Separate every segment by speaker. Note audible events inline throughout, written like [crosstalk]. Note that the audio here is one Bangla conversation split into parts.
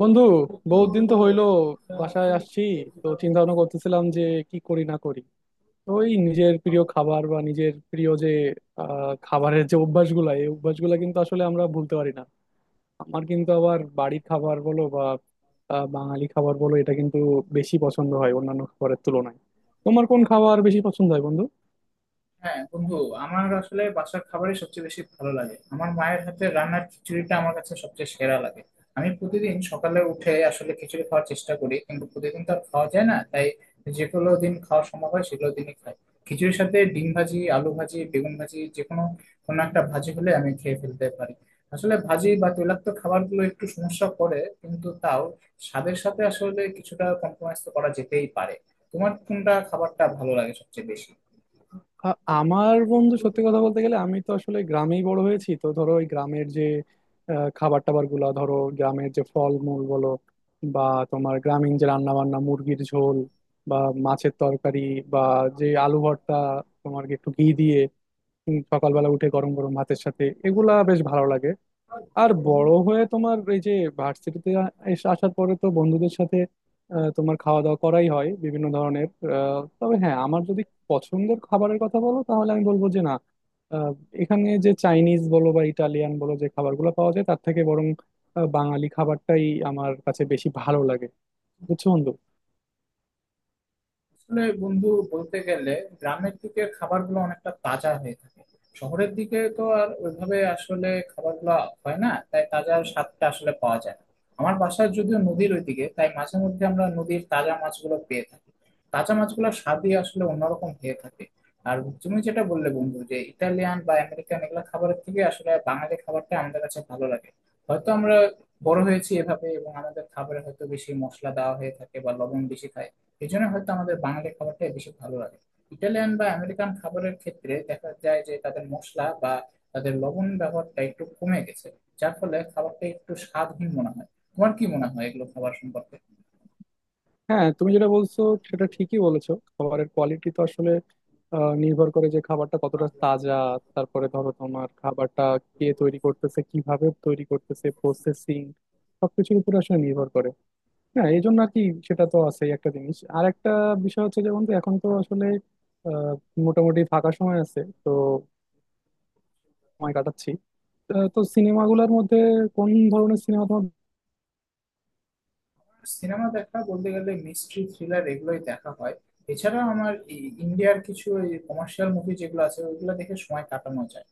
Speaker 1: বন্ধু বহুত দিন তো হইলো বাসায় আসছি। তো চিন্তা ভাবনা করতেছিলাম যে কি করি না করি। তো ওই নিজের প্রিয় খাবার বা নিজের প্রিয় যে খাবারের যে অভ্যাসগুলা এই অভ্যাসগুলা কিন্তু আসলে আমরা ভুলতে পারি না। আমার কিন্তু আবার বাড়ির খাবার বলো বা বাঙালি খাবার বলো এটা কিন্তু বেশি পছন্দ হয় অন্যান্য খাবারের তুলনায়। তোমার কোন খাবার বেশি পছন্দ হয় বন্ধু?
Speaker 2: হ্যাঁ বন্ধু। আমার আসলে বাসার খাবারই সবচেয়ে বেশি ভালো লাগে। আমার মায়ের হাতের রান্নার খিচুড়িটা আমার কাছে সবচেয়ে সেরা লাগে। আমি প্রতিদিন সকালে উঠে আসলে খিচুড়ি খাওয়ার চেষ্টা করি, কিন্তু প্রতিদিন তো আর খাওয়া যায় না, তাই যেগুলো দিন খাওয়া সম্ভব হয় সেগুলো দিনই খাই। খিচুড়ির সাথে ডিম ভাজি, আলু ভাজি, বেগুন ভাজি, যে কোনো কোনো একটা ভাজি হলে আমি খেয়ে ফেলতে পারি। আসলে ভাজি বা তৈলাক্ত খাবারগুলো একটু সমস্যা করে, কিন্তু তাও স্বাদের সাথে আসলে কিছুটা কম্প্রোমাইজ তো করা যেতেই পারে। তোমার কোনটা খাবারটা ভালো লাগে সবচেয়ে বেশি?
Speaker 1: আ- আমার বন্ধু, সত্যি কথা বলতে গেলে আমি তো আসলে গ্রামেই বড় হয়েছি। তো ধরো ওই গ্রামের যে খাবার টাবার গুলা, ধরো গ্রামের যে ফল মূল বলো বা তোমার গ্রামীণ যে রান্না বান্না, মুরগির ঝোল বা মাছের তরকারি বা যে আলু ভর্তা তোমার একটু ঘি দিয়ে সকালবেলা উঠে গরম গরম ভাতের সাথে এগুলা বেশ ভালো লাগে। আর বড় হয়ে তোমার এই যে ভার্সিটিতে এসে আসার পরে তো বন্ধুদের সাথে তোমার খাওয়া দাওয়া করাই হয় বিভিন্ন ধরনের। তবে হ্যাঁ, আমার যদি পছন্দের খাবারের কথা বলো তাহলে আমি বলবো যে না, আহ, এখানে যে চাইনিজ বলো বা ইটালিয়ান বলো যে খাবারগুলো পাওয়া যায় তার থেকে বরং বাঙালি খাবারটাই আমার কাছে বেশি ভালো লাগে। বুঝছো বন্ধু?
Speaker 2: আসলে বন্ধু, বলতে গেলে গ্রামের দিকে খাবারগুলো অনেকটা তাজা হয়ে থাকে। শহরের দিকে তো আর ওইভাবে আসলে খাবারগুলো হয় না, তাই তাজা স্বাদটা আসলে পাওয়া যায় না। আমার বাসায় যদিও নদীর ওইদিকে, তাই মাঝে মধ্যে আমরা নদীর তাজা মাছগুলো পেয়ে থাকি। তাজা মাছগুলোর স্বাদই আসলে অন্যরকম হয়ে থাকে। আর তুমি যেটা বললে বন্ধু, যে ইটালিয়ান বা আমেরিকান এগুলো খাবারের থেকে আসলে বাঙালি খাবারটা আমাদের কাছে ভালো লাগে। হয়তো আমরা বড় হয়েছি এভাবে এবং আমাদের খাবারে হয়তো বেশি মশলা দেওয়া হয়ে থাকে বা লবণ বেশি খাই, এই জন্য হয়তো আমাদের বাঙালি খাবারটাই বেশি ভালো লাগে। ইটালিয়ান বা আমেরিকান খাবারের ক্ষেত্রে দেখা যায় যে তাদের মশলা বা তাদের লবণ ব্যবহারটা একটু কমে গেছে, যার ফলে খাবারটা একটু স্বাদহীন মনে হয়। তোমার কি মনে হয় এগুলো খাবার সম্পর্কে?
Speaker 1: হ্যাঁ, তুমি যেটা বলছো সেটা ঠিকই বলেছো। খাবারের কোয়ালিটি তো আসলে নির্ভর করে যে খাবারটা কতটা তাজা। তারপরে ধরো তোমার খাবারটা কে তৈরি করতেছে, কিভাবে তৈরি করতেছে, প্রসেসিং, সবকিছুর উপর আসলে নির্ভর করে। হ্যাঁ এই জন্য আর কি, সেটা তো আছেই একটা জিনিস। আর একটা বিষয় হচ্ছে, যেমন তো এখন তো আসলে আহ, মোটামুটি ফাঁকা সময় আছে তো সময় কাটাচ্ছি। তো সিনেমাগুলোর মধ্যে কোন ধরনের সিনেমা তোমার?
Speaker 2: সিনেমা দেখা বলতে গেলে মিস্ট্রি থ্রিলার এগুলোই দেখা হয়। এছাড়া আমার ইন্ডিয়ার কিছু কমার্শিয়াল মুভি যেগুলো আছে ওইগুলো দেখে সময় কাটানো যায়।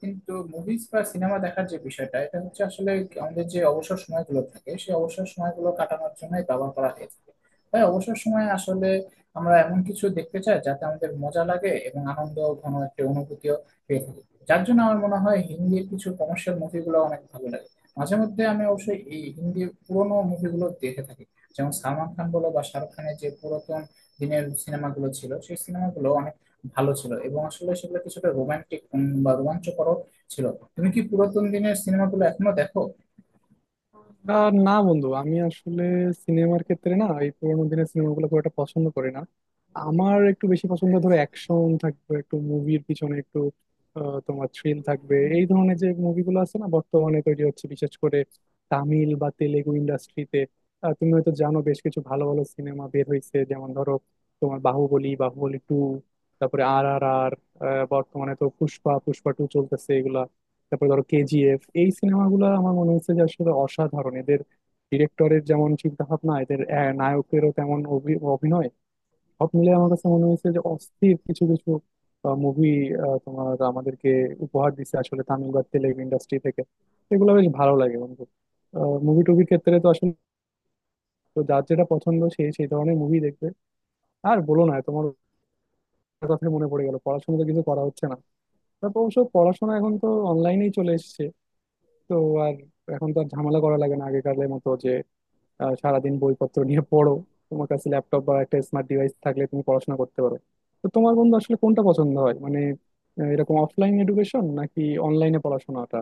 Speaker 2: কিন্তু মুভিজ বা সিনেমা দেখার যে বিষয়টা, এটা হচ্ছে আসলে আমাদের যে অবসর সময়গুলো থাকে সেই অবসর সময়গুলো কাটানোর জন্যই ব্যবহার করা হয়ে থাকে। তাই অবসর সময়ে আসলে আমরা এমন কিছু দেখতে চাই যাতে আমাদের মজা লাগে এবং আনন্দ ঘন একটা অনুভূতিও পেয়ে থাকি। যার জন্য আমার মনে হয় হিন্দির কিছু কমার্শিয়াল মুভিগুলো অনেক ভালো লাগে। মাঝে মধ্যে আমি অবশ্যই এই হিন্দি পুরোনো মুভিগুলো দেখে থাকি। যেমন সালমান খান বলো বা শাহরুখ খানের যে পুরাতন দিনের সিনেমাগুলো ছিল, সেই সিনেমাগুলো অনেক ভালো ছিল এবং আসলে সেগুলো কিছুটা রোমান্টিক বা রোমাঞ্চকর ছিল। তুমি কি পুরাতন দিনের সিনেমাগুলো এখনো দেখো?
Speaker 1: না বন্ধু, আমি আসলে সিনেমার ক্ষেত্রে না, এই পুরোনো দিনের সিনেমাগুলো খুব একটা পছন্দ করি না। আমার একটু বেশি পছন্দ ধরো অ্যাকশন থাকবে একটু, মুভির পিছনে একটু তোমার থ্রিল থাকবে এই ধরনের যে মুভিগুলো আছে না বর্তমানে তৈরি হচ্ছে, বিশেষ করে তামিল বা তেলেগু ইন্ডাস্ট্রিতে। তুমি হয়তো জানো বেশ কিছু ভালো ভালো সিনেমা বের হয়েছে, যেমন ধরো তোমার বাহুবলী, বাহুবলী টু, তারপরে আর আর আর, বর্তমানে তো পুষ্পা, পুষ্পা টু চলতেছে এগুলা। তারপরে ধরো কেজিএফ, এই সিনেমাগুলো আমার মনে হচ্ছে যে আসলে অসাধারণ। এদের ডিরেক্টরের যেমন চিন্তা ভাবনা, এদের নায়কেরও তেমন অভিনয়, সব মিলে আমার কাছে মনে হয়েছে যে অস্থির কিছু কিছু মুভি তোমার আমাদেরকে উপহার দিচ্ছে আসলে তামিল বা তেলেগু ইন্ডাস্ট্রি থেকে। এগুলো বেশ ভালো লাগে বন্ধু। মুভি টুভির ক্ষেত্রে তো আসলে, তো যার যেটা পছন্দ সেই সেই ধরনের মুভি দেখবে। আর বলো না, তোমার কথা মনে পড়ে গেল, পড়াশোনা তো কিছু করা হচ্ছে না। তারপর অবশ্য পড়াশোনা এখন তো অনলাইনেই চলে এসেছে। তো আর এখন তো আর ঝামেলা করা লাগে না আগেকারের মতো যে সারাদিন বইপত্র নিয়ে পড়ো। তোমার কাছে ল্যাপটপ বা একটা স্মার্ট ডিভাইস থাকলে তুমি পড়াশোনা করতে পারো। তো তোমার বন্ধু আসলে কোনটা পছন্দ হয়, মানে এরকম অফলাইন এডুকেশন নাকি অনলাইনে পড়াশোনাটা?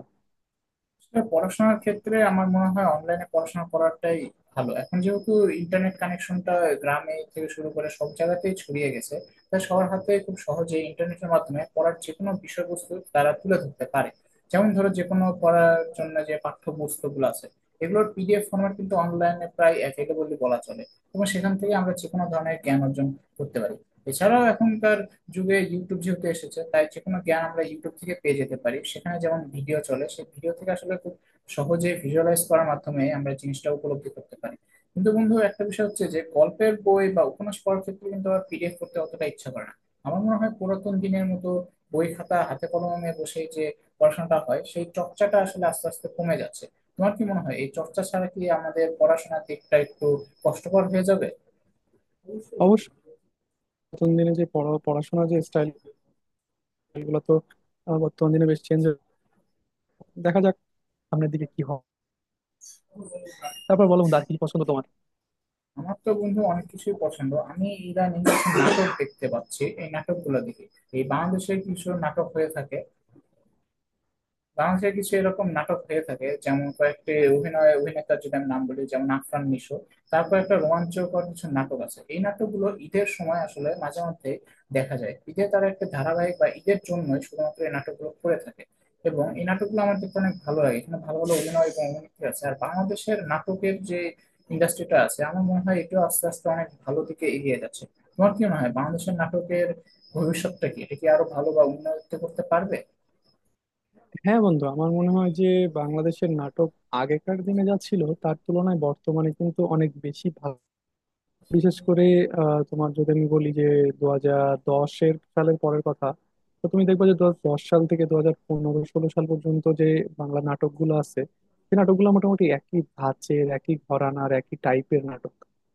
Speaker 2: আসলে পড়াশোনার ক্ষেত্রে আমার মনে হয় অনলাইনে পড়াশোনা করাটাই ভালো, এখন যেহেতু ইন্টারনেট কানেকশনটা গ্রামে থেকে শুরু করে সব জায়গাতেই ছড়িয়ে গেছে। তাই সবার হাতে খুব সহজে ইন্টারনেটের মাধ্যমে পড়ার যে কোনো বিষয়বস্তু তারা তুলে ধরতে পারে। যেমন ধরো যে কোনো পড়ার জন্য যে পাঠ্যপুস্তকগুলো আছে, এগুলোর পিডিএফ ফরম্যাট কিন্তু অনলাইনে প্রায় অ্যাভেলেবল বলা চলে এবং সেখান থেকে আমরা যে কোনো ধরনের জ্ঞান অর্জন করতে পারি। এছাড়াও এখনকার যুগে ইউটিউব যেহেতু এসেছে, তাই যে কোনো জ্ঞান আমরা ইউটিউব থেকে পেয়ে যেতে পারি। সেখানে যেমন ভিডিও চলে সেই ভিডিও থেকে আসলে খুব সহজে ভিজুয়ালাইজ করার মাধ্যমে আমরা জিনিসটা উপলব্ধি করতে পারি। কিন্তু বন্ধু, একটা বিষয় হচ্ছে যে গল্পের বই বা উপন্যাস পড়ার ক্ষেত্রে কিন্তু আমার পিডিএফ করতে অতটা ইচ্ছা করে না। আমার মনে হয় পুরাতন দিনের মতো বই খাতা হাতে কলমে বসে যে পড়াশোনাটা হয় সেই চর্চাটা আসলে আস্তে আস্তে কমে যাচ্ছে। তোমার কি মনে হয় এই চর্চা ছাড়া কি আমাদের পড়াশোনার দিকটা একটু কষ্টকর হয়ে যাবে?
Speaker 1: অবশ্য বর্তমান দিনে যে পড়া পড়াশোনার যে স্টাইল, এগুলো তো বর্তমান দিনে বেশ চেঞ্জ। দেখা যাক সামনের দিকে কি হয়। তারপর বলো বন্ধু, আর কি পছন্দ তোমার?
Speaker 2: আমার তো বন্ধু অনেক কিছুই পছন্দ। আমি ইদানিং কিছু নাটক দেখতে পাচ্ছি, এই নাটকগুলো দেখি। এই বাংলাদেশের কিছু নাটক হয়ে থাকে। বাংলাদেশে কিছু এরকম নাটক হয়ে থাকে, যেমন কয়েকটি অভিনয় অভিনেতার যদি আমি নাম বলি, যেমন আফরান নিশো। তারপর একটা রোমাঞ্চকর কিছু নাটক আছে, এই নাটকগুলো ঈদের সময় আসলে মাঝে মধ্যে দেখা যায়। ঈদে তারা একটা ধারাবাহিক বা ঈদের জন্যই শুধুমাত্র এই নাটকগুলো করে থাকে এবং এই নাটকগুলো আমার দেখতে অনেক ভালো লাগে। এখানে ভালো ভালো অভিনয় এবং অভিনেত্রী আছে। আর বাংলাদেশের নাটকের যে ইন্ডাস্ট্রিটা আছে, আমার মনে হয় এটাও আস্তে আস্তে অনেক ভালো দিকে এগিয়ে যাচ্ছে। তোমার কি মনে হয় বাংলাদেশের নাটকের ভবিষ্যৎটা কি? এটা কি আরো ভালো বা উন্নত করতে পারবে?
Speaker 1: হ্যাঁ বন্ধু, আমার মনে হয় যে বাংলাদেশের নাটক আগেকার দিনে যা ছিল তার তুলনায় বর্তমানে কিন্তু অনেক বেশি ভালো। বিশেষ করে তোমার যদি আমি বলি যে 2010-এর সালের পরের কথা, তো তুমি দেখবে যে 2010 সাল থেকে 2015-16 সাল পর্যন্ত যে বাংলা নাটকগুলো আছে সেই নাটকগুলো মোটামুটি একই ধাঁচের, একই ঘরানার, একই টাইপের নাটক।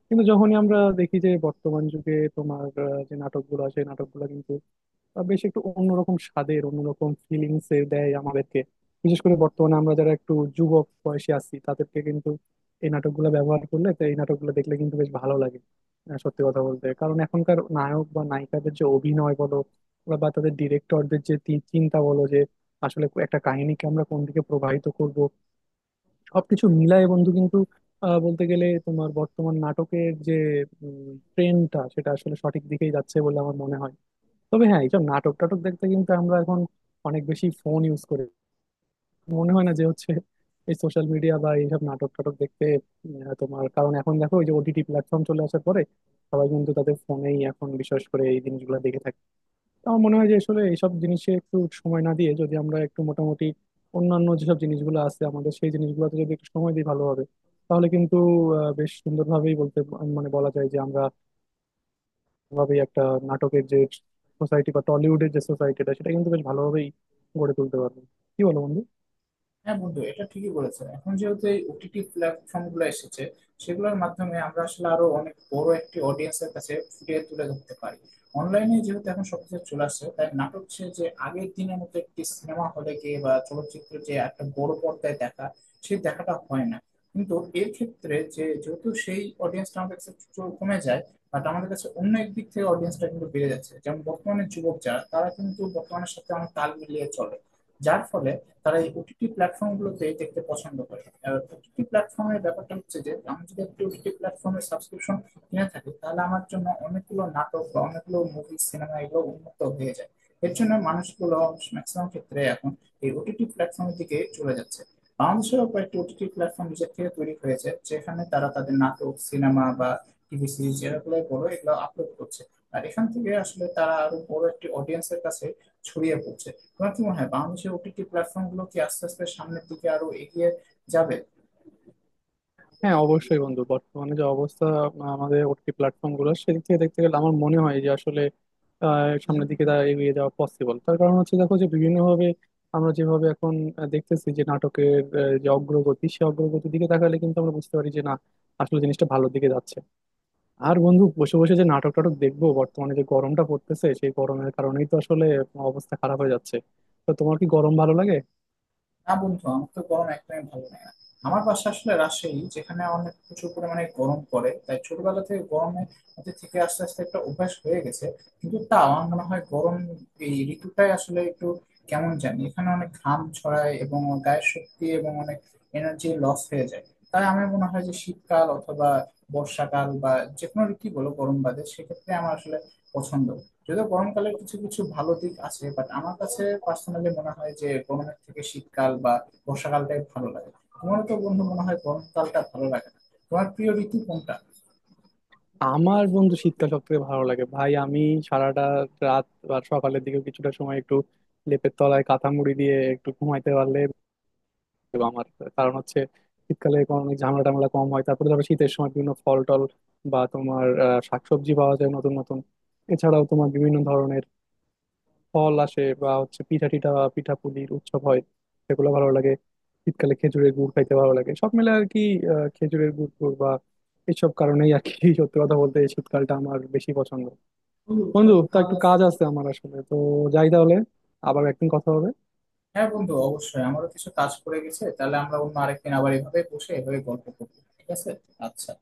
Speaker 1: কিন্তু যখনই আমরা দেখি যে বর্তমান যুগে তোমার যে নাটকগুলো আছে সেই নাটকগুলো কিন্তু বেশ একটু অন্যরকম স্বাদের, অন্যরকম ফিলিংস এর দেয় আমাদেরকে। বিশেষ করে বর্তমানে আমরা যারা একটু যুবক বয়সে আছি তাদেরকে কিন্তু এই নাটকগুলো ব্যবহার করলে তো এই নাটকগুলো দেখলে কিন্তু বেশ ভালো লাগে। সত্যি কথা বলতে, কারণ এখনকার নায়ক বা নায়িকাদের যে অভিনয় বলো বা বা তাদের ডিরেক্টরদের যে চিন্তা বলো যে আসলে একটা কাহিনীকে আমরা কোন দিকে প্রবাহিত করব, সবকিছু মিলায় বন্ধু, কিন্তু বলতে গেলে তোমার বর্তমান নাটকের যে ট্রেন্ডটা সেটা আসলে সঠিক দিকেই যাচ্ছে বলে আমার মনে হয়। তবে হ্যাঁ, এইসব নাটক টাটক দেখতে কিন্তু আমরা এখন অনেক বেশি ফোন ইউজ করি। মনে হয় না যে হচ্ছে এই সোশ্যাল মিডিয়া বা এইসব নাটক টাটক দেখতে তোমার, কারণ এখন দেখো ওই যে ওটিটি প্ল্যাটফর্ম চলে আসার পরে সবাই কিন্তু তাদের ফোনেই এখন বিশেষ করে এই জিনিসগুলো দেখে থাকে। তো আমার মনে হয় যে আসলে এইসব জিনিসে একটু সময় না দিয়ে যদি আমরা একটু মোটামুটি অন্যান্য যেসব জিনিসগুলো আছে আমাদের সেই জিনিসগুলোতে যদি একটু সময় দিই ভালো হবে। তাহলে কিন্তু বেশ সুন্দরভাবেই বলতে, মানে বলা যায় যে আমরা ভাবেই একটা নাটকের যে সোসাইটি বা টলিউডের যে সোসাইটিটা সেটা কিন্তু বেশ ভালোভাবেই গড়ে তুলতে পারবে। কি বলো বন্ধু?
Speaker 2: হ্যাঁ বন্ধু, এটা ঠিকই বলেছো। এখন যেহেতু এই ওটিটি প্ল্যাটফর্ম গুলো এসেছে, সেগুলোর মাধ্যমে আমরা আসলে আরো অনেক বড় একটি অডিয়েন্সের কাছে ফুটিয়ে তুলে ধরতে পারি। অনলাইনে যেহেতু এখন সবকিছু চলে আসছে, তাই নাটক সে যে আগের দিনের মতো একটি সিনেমা হলে গিয়ে বা চলচ্চিত্র যে একটা বড় পর্দায় দেখা, সেই দেখাটা হয় না। কিন্তু এর ক্ষেত্রে যে যেহেতু সেই অডিয়েন্সটা আমাদের কাছে কমে যায়, বাট আমাদের কাছে অন্য এক দিক থেকে অডিয়েন্সটা কিন্তু বেড়ে যাচ্ছে। যেমন বর্তমানে যুবক যারা, তারা কিন্তু বর্তমানের সাথে অনেক তাল মিলিয়ে চলে। যার ফলে তারা এই ওটিটি প্ল্যাটফর্মগুলোতে দেখতে পছন্দ করে। ওটিটি প্ল্যাটফর্মের ব্যাপারটা হচ্ছে যে আমি যদি একটি ওটিটি প্ল্যাটফর্মের সাবস্ক্রিপশন কিনে থাকি, তাহলে আমার জন্য অনেকগুলো নাটক বা অনেকগুলো মুভি সিনেমা এগুলো উন্মুক্ত হয়ে যায়। এর জন্য মানুষগুলো ম্যাক্সিমাম ক্ষেত্রে এখন এই ওটিটি প্ল্যাটফর্মের দিকে চলে যাচ্ছে। বাংলাদেশেও কয়েকটি ওটিটি প্ল্যাটফর্ম নিজের থেকে তৈরি হয়েছে, যেখানে তারা তাদের নাটক সিনেমা বা টিভি সিরিজ যেগুলো বড় এগুলো আপলোড করছে। আর এখান থেকে আসলে তারা আরো বড় একটি অডিয়েন্সের কাছে ছড়িয়ে পড়ছে। তোমার কি মনে হয় বাংলাদেশের ওটিটি প্ল্যাটফর্ম গুলো কি আস্তে আস্তে সামনের দিকে আরো এগিয়ে যাবে?
Speaker 1: হ্যাঁ অবশ্যই বন্ধু, বর্তমানে যে অবস্থা আমাদের ওটিটি প্ল্যাটফর্ম গুলো, সেদিক থেকে দেখতে গেলে আমার মনে হয় যে আসলে সামনের দিকে তা এগিয়ে যাওয়া পসিবল। তার কারণ হচ্ছে দেখো যে বিভিন্নভাবে আমরা যেভাবে এখন দেখতেছি যে নাটকের যে অগ্রগতি, সে অগ্রগতির দিকে তাকালে কিন্তু আমরা বুঝতে পারি যে না, আসলে জিনিসটা ভালোর দিকে যাচ্ছে। আর বন্ধু, বসে বসে যে নাটক টাটক দেখবো, বর্তমানে যে গরমটা পড়তেছে সেই গরমের কারণেই তো আসলে অবস্থা খারাপ হয়ে যাচ্ছে। তো তোমার কি গরম ভালো লাগে?
Speaker 2: না বন্ধু, আমার তো গরম একদমই ভালো লাগে না। আমার বাসা আসলে রাজশাহী, যেখানে অনেক প্রচুর পরিমাণে গরম পড়ে, তাই ছোটবেলা থেকে গরমের মধ্যে থেকে আস্তে আস্তে একটা অভ্যাস হয়ে গেছে। কিন্তু তা আমার মনে হয় গরম এই ঋতুটাই আসলে একটু কেমন জানি, এখানে অনেক ঘাম ছড়ায় এবং গায়ের শক্তি এবং অনেক এনার্জি লস হয়ে যায়। তাই আমার মনে হয় যে শীতকাল অথবা বর্ষাকাল বা যে কোনো ঋতু বলো গরম বাদে, সেক্ষেত্রে আমার আসলে পছন্দ। যদিও গরমকালে কিছু কিছু ভালো দিক আছে, বাট আমার কাছে পার্সোনালি মনে হয় যে গরমের থেকে শীতকাল বা বর্ষাকালটাই ভালো লাগে। তোমার তো বন্ধু মনে হয় গরমকালটা ভালো লাগে না। তোমার প্রিয় ঋতু কোনটা?
Speaker 1: আমার বন্ধু শীতকাল সব থেকে ভালো লাগে ভাই। আমি সারাটা রাত বা সকালের দিকে কিছুটা সময় একটু লেপের তলায় কাঁথা মুড়ি দিয়ে একটু ঘুমাইতে পারলে আমার কারণ হচ্ছে শীতকালে এখন অনেক ঝামেলা টামেলা কম হয়। তারপরে ধরো শীতের সময় বিভিন্ন ফল টল বা তোমার শাকসবজি পাওয়া যায় নতুন নতুন। এছাড়াও তোমার বিভিন্ন ধরনের ফল আসে, বা হচ্ছে পিঠা টিঠা বা পিঠা পুলির উৎসব হয়, সেগুলো ভালো লাগে। শীতকালে খেজুরের গুড় খাইতে ভালো লাগে সব মিলে আর কি, খেজুরের গুড় টুড় বা এসব কারণেই আর কি। [laughs] সত্যি কথা বলতে এই শীতকালটা আমার বেশি পছন্দ। বন্ধু, তা একটু কাজ আছে আমার আসলে, তো যাই তাহলে, আবার একদিন কথা হবে।
Speaker 2: হ্যাঁ বন্ধু, অবশ্যই আমারও কিছু কাজ পড়ে গেছে। তাহলে আমরা অন্য আরেকদিন আবার এভাবে বসে এভাবে গল্প করবো, ঠিক আছে? আচ্ছা।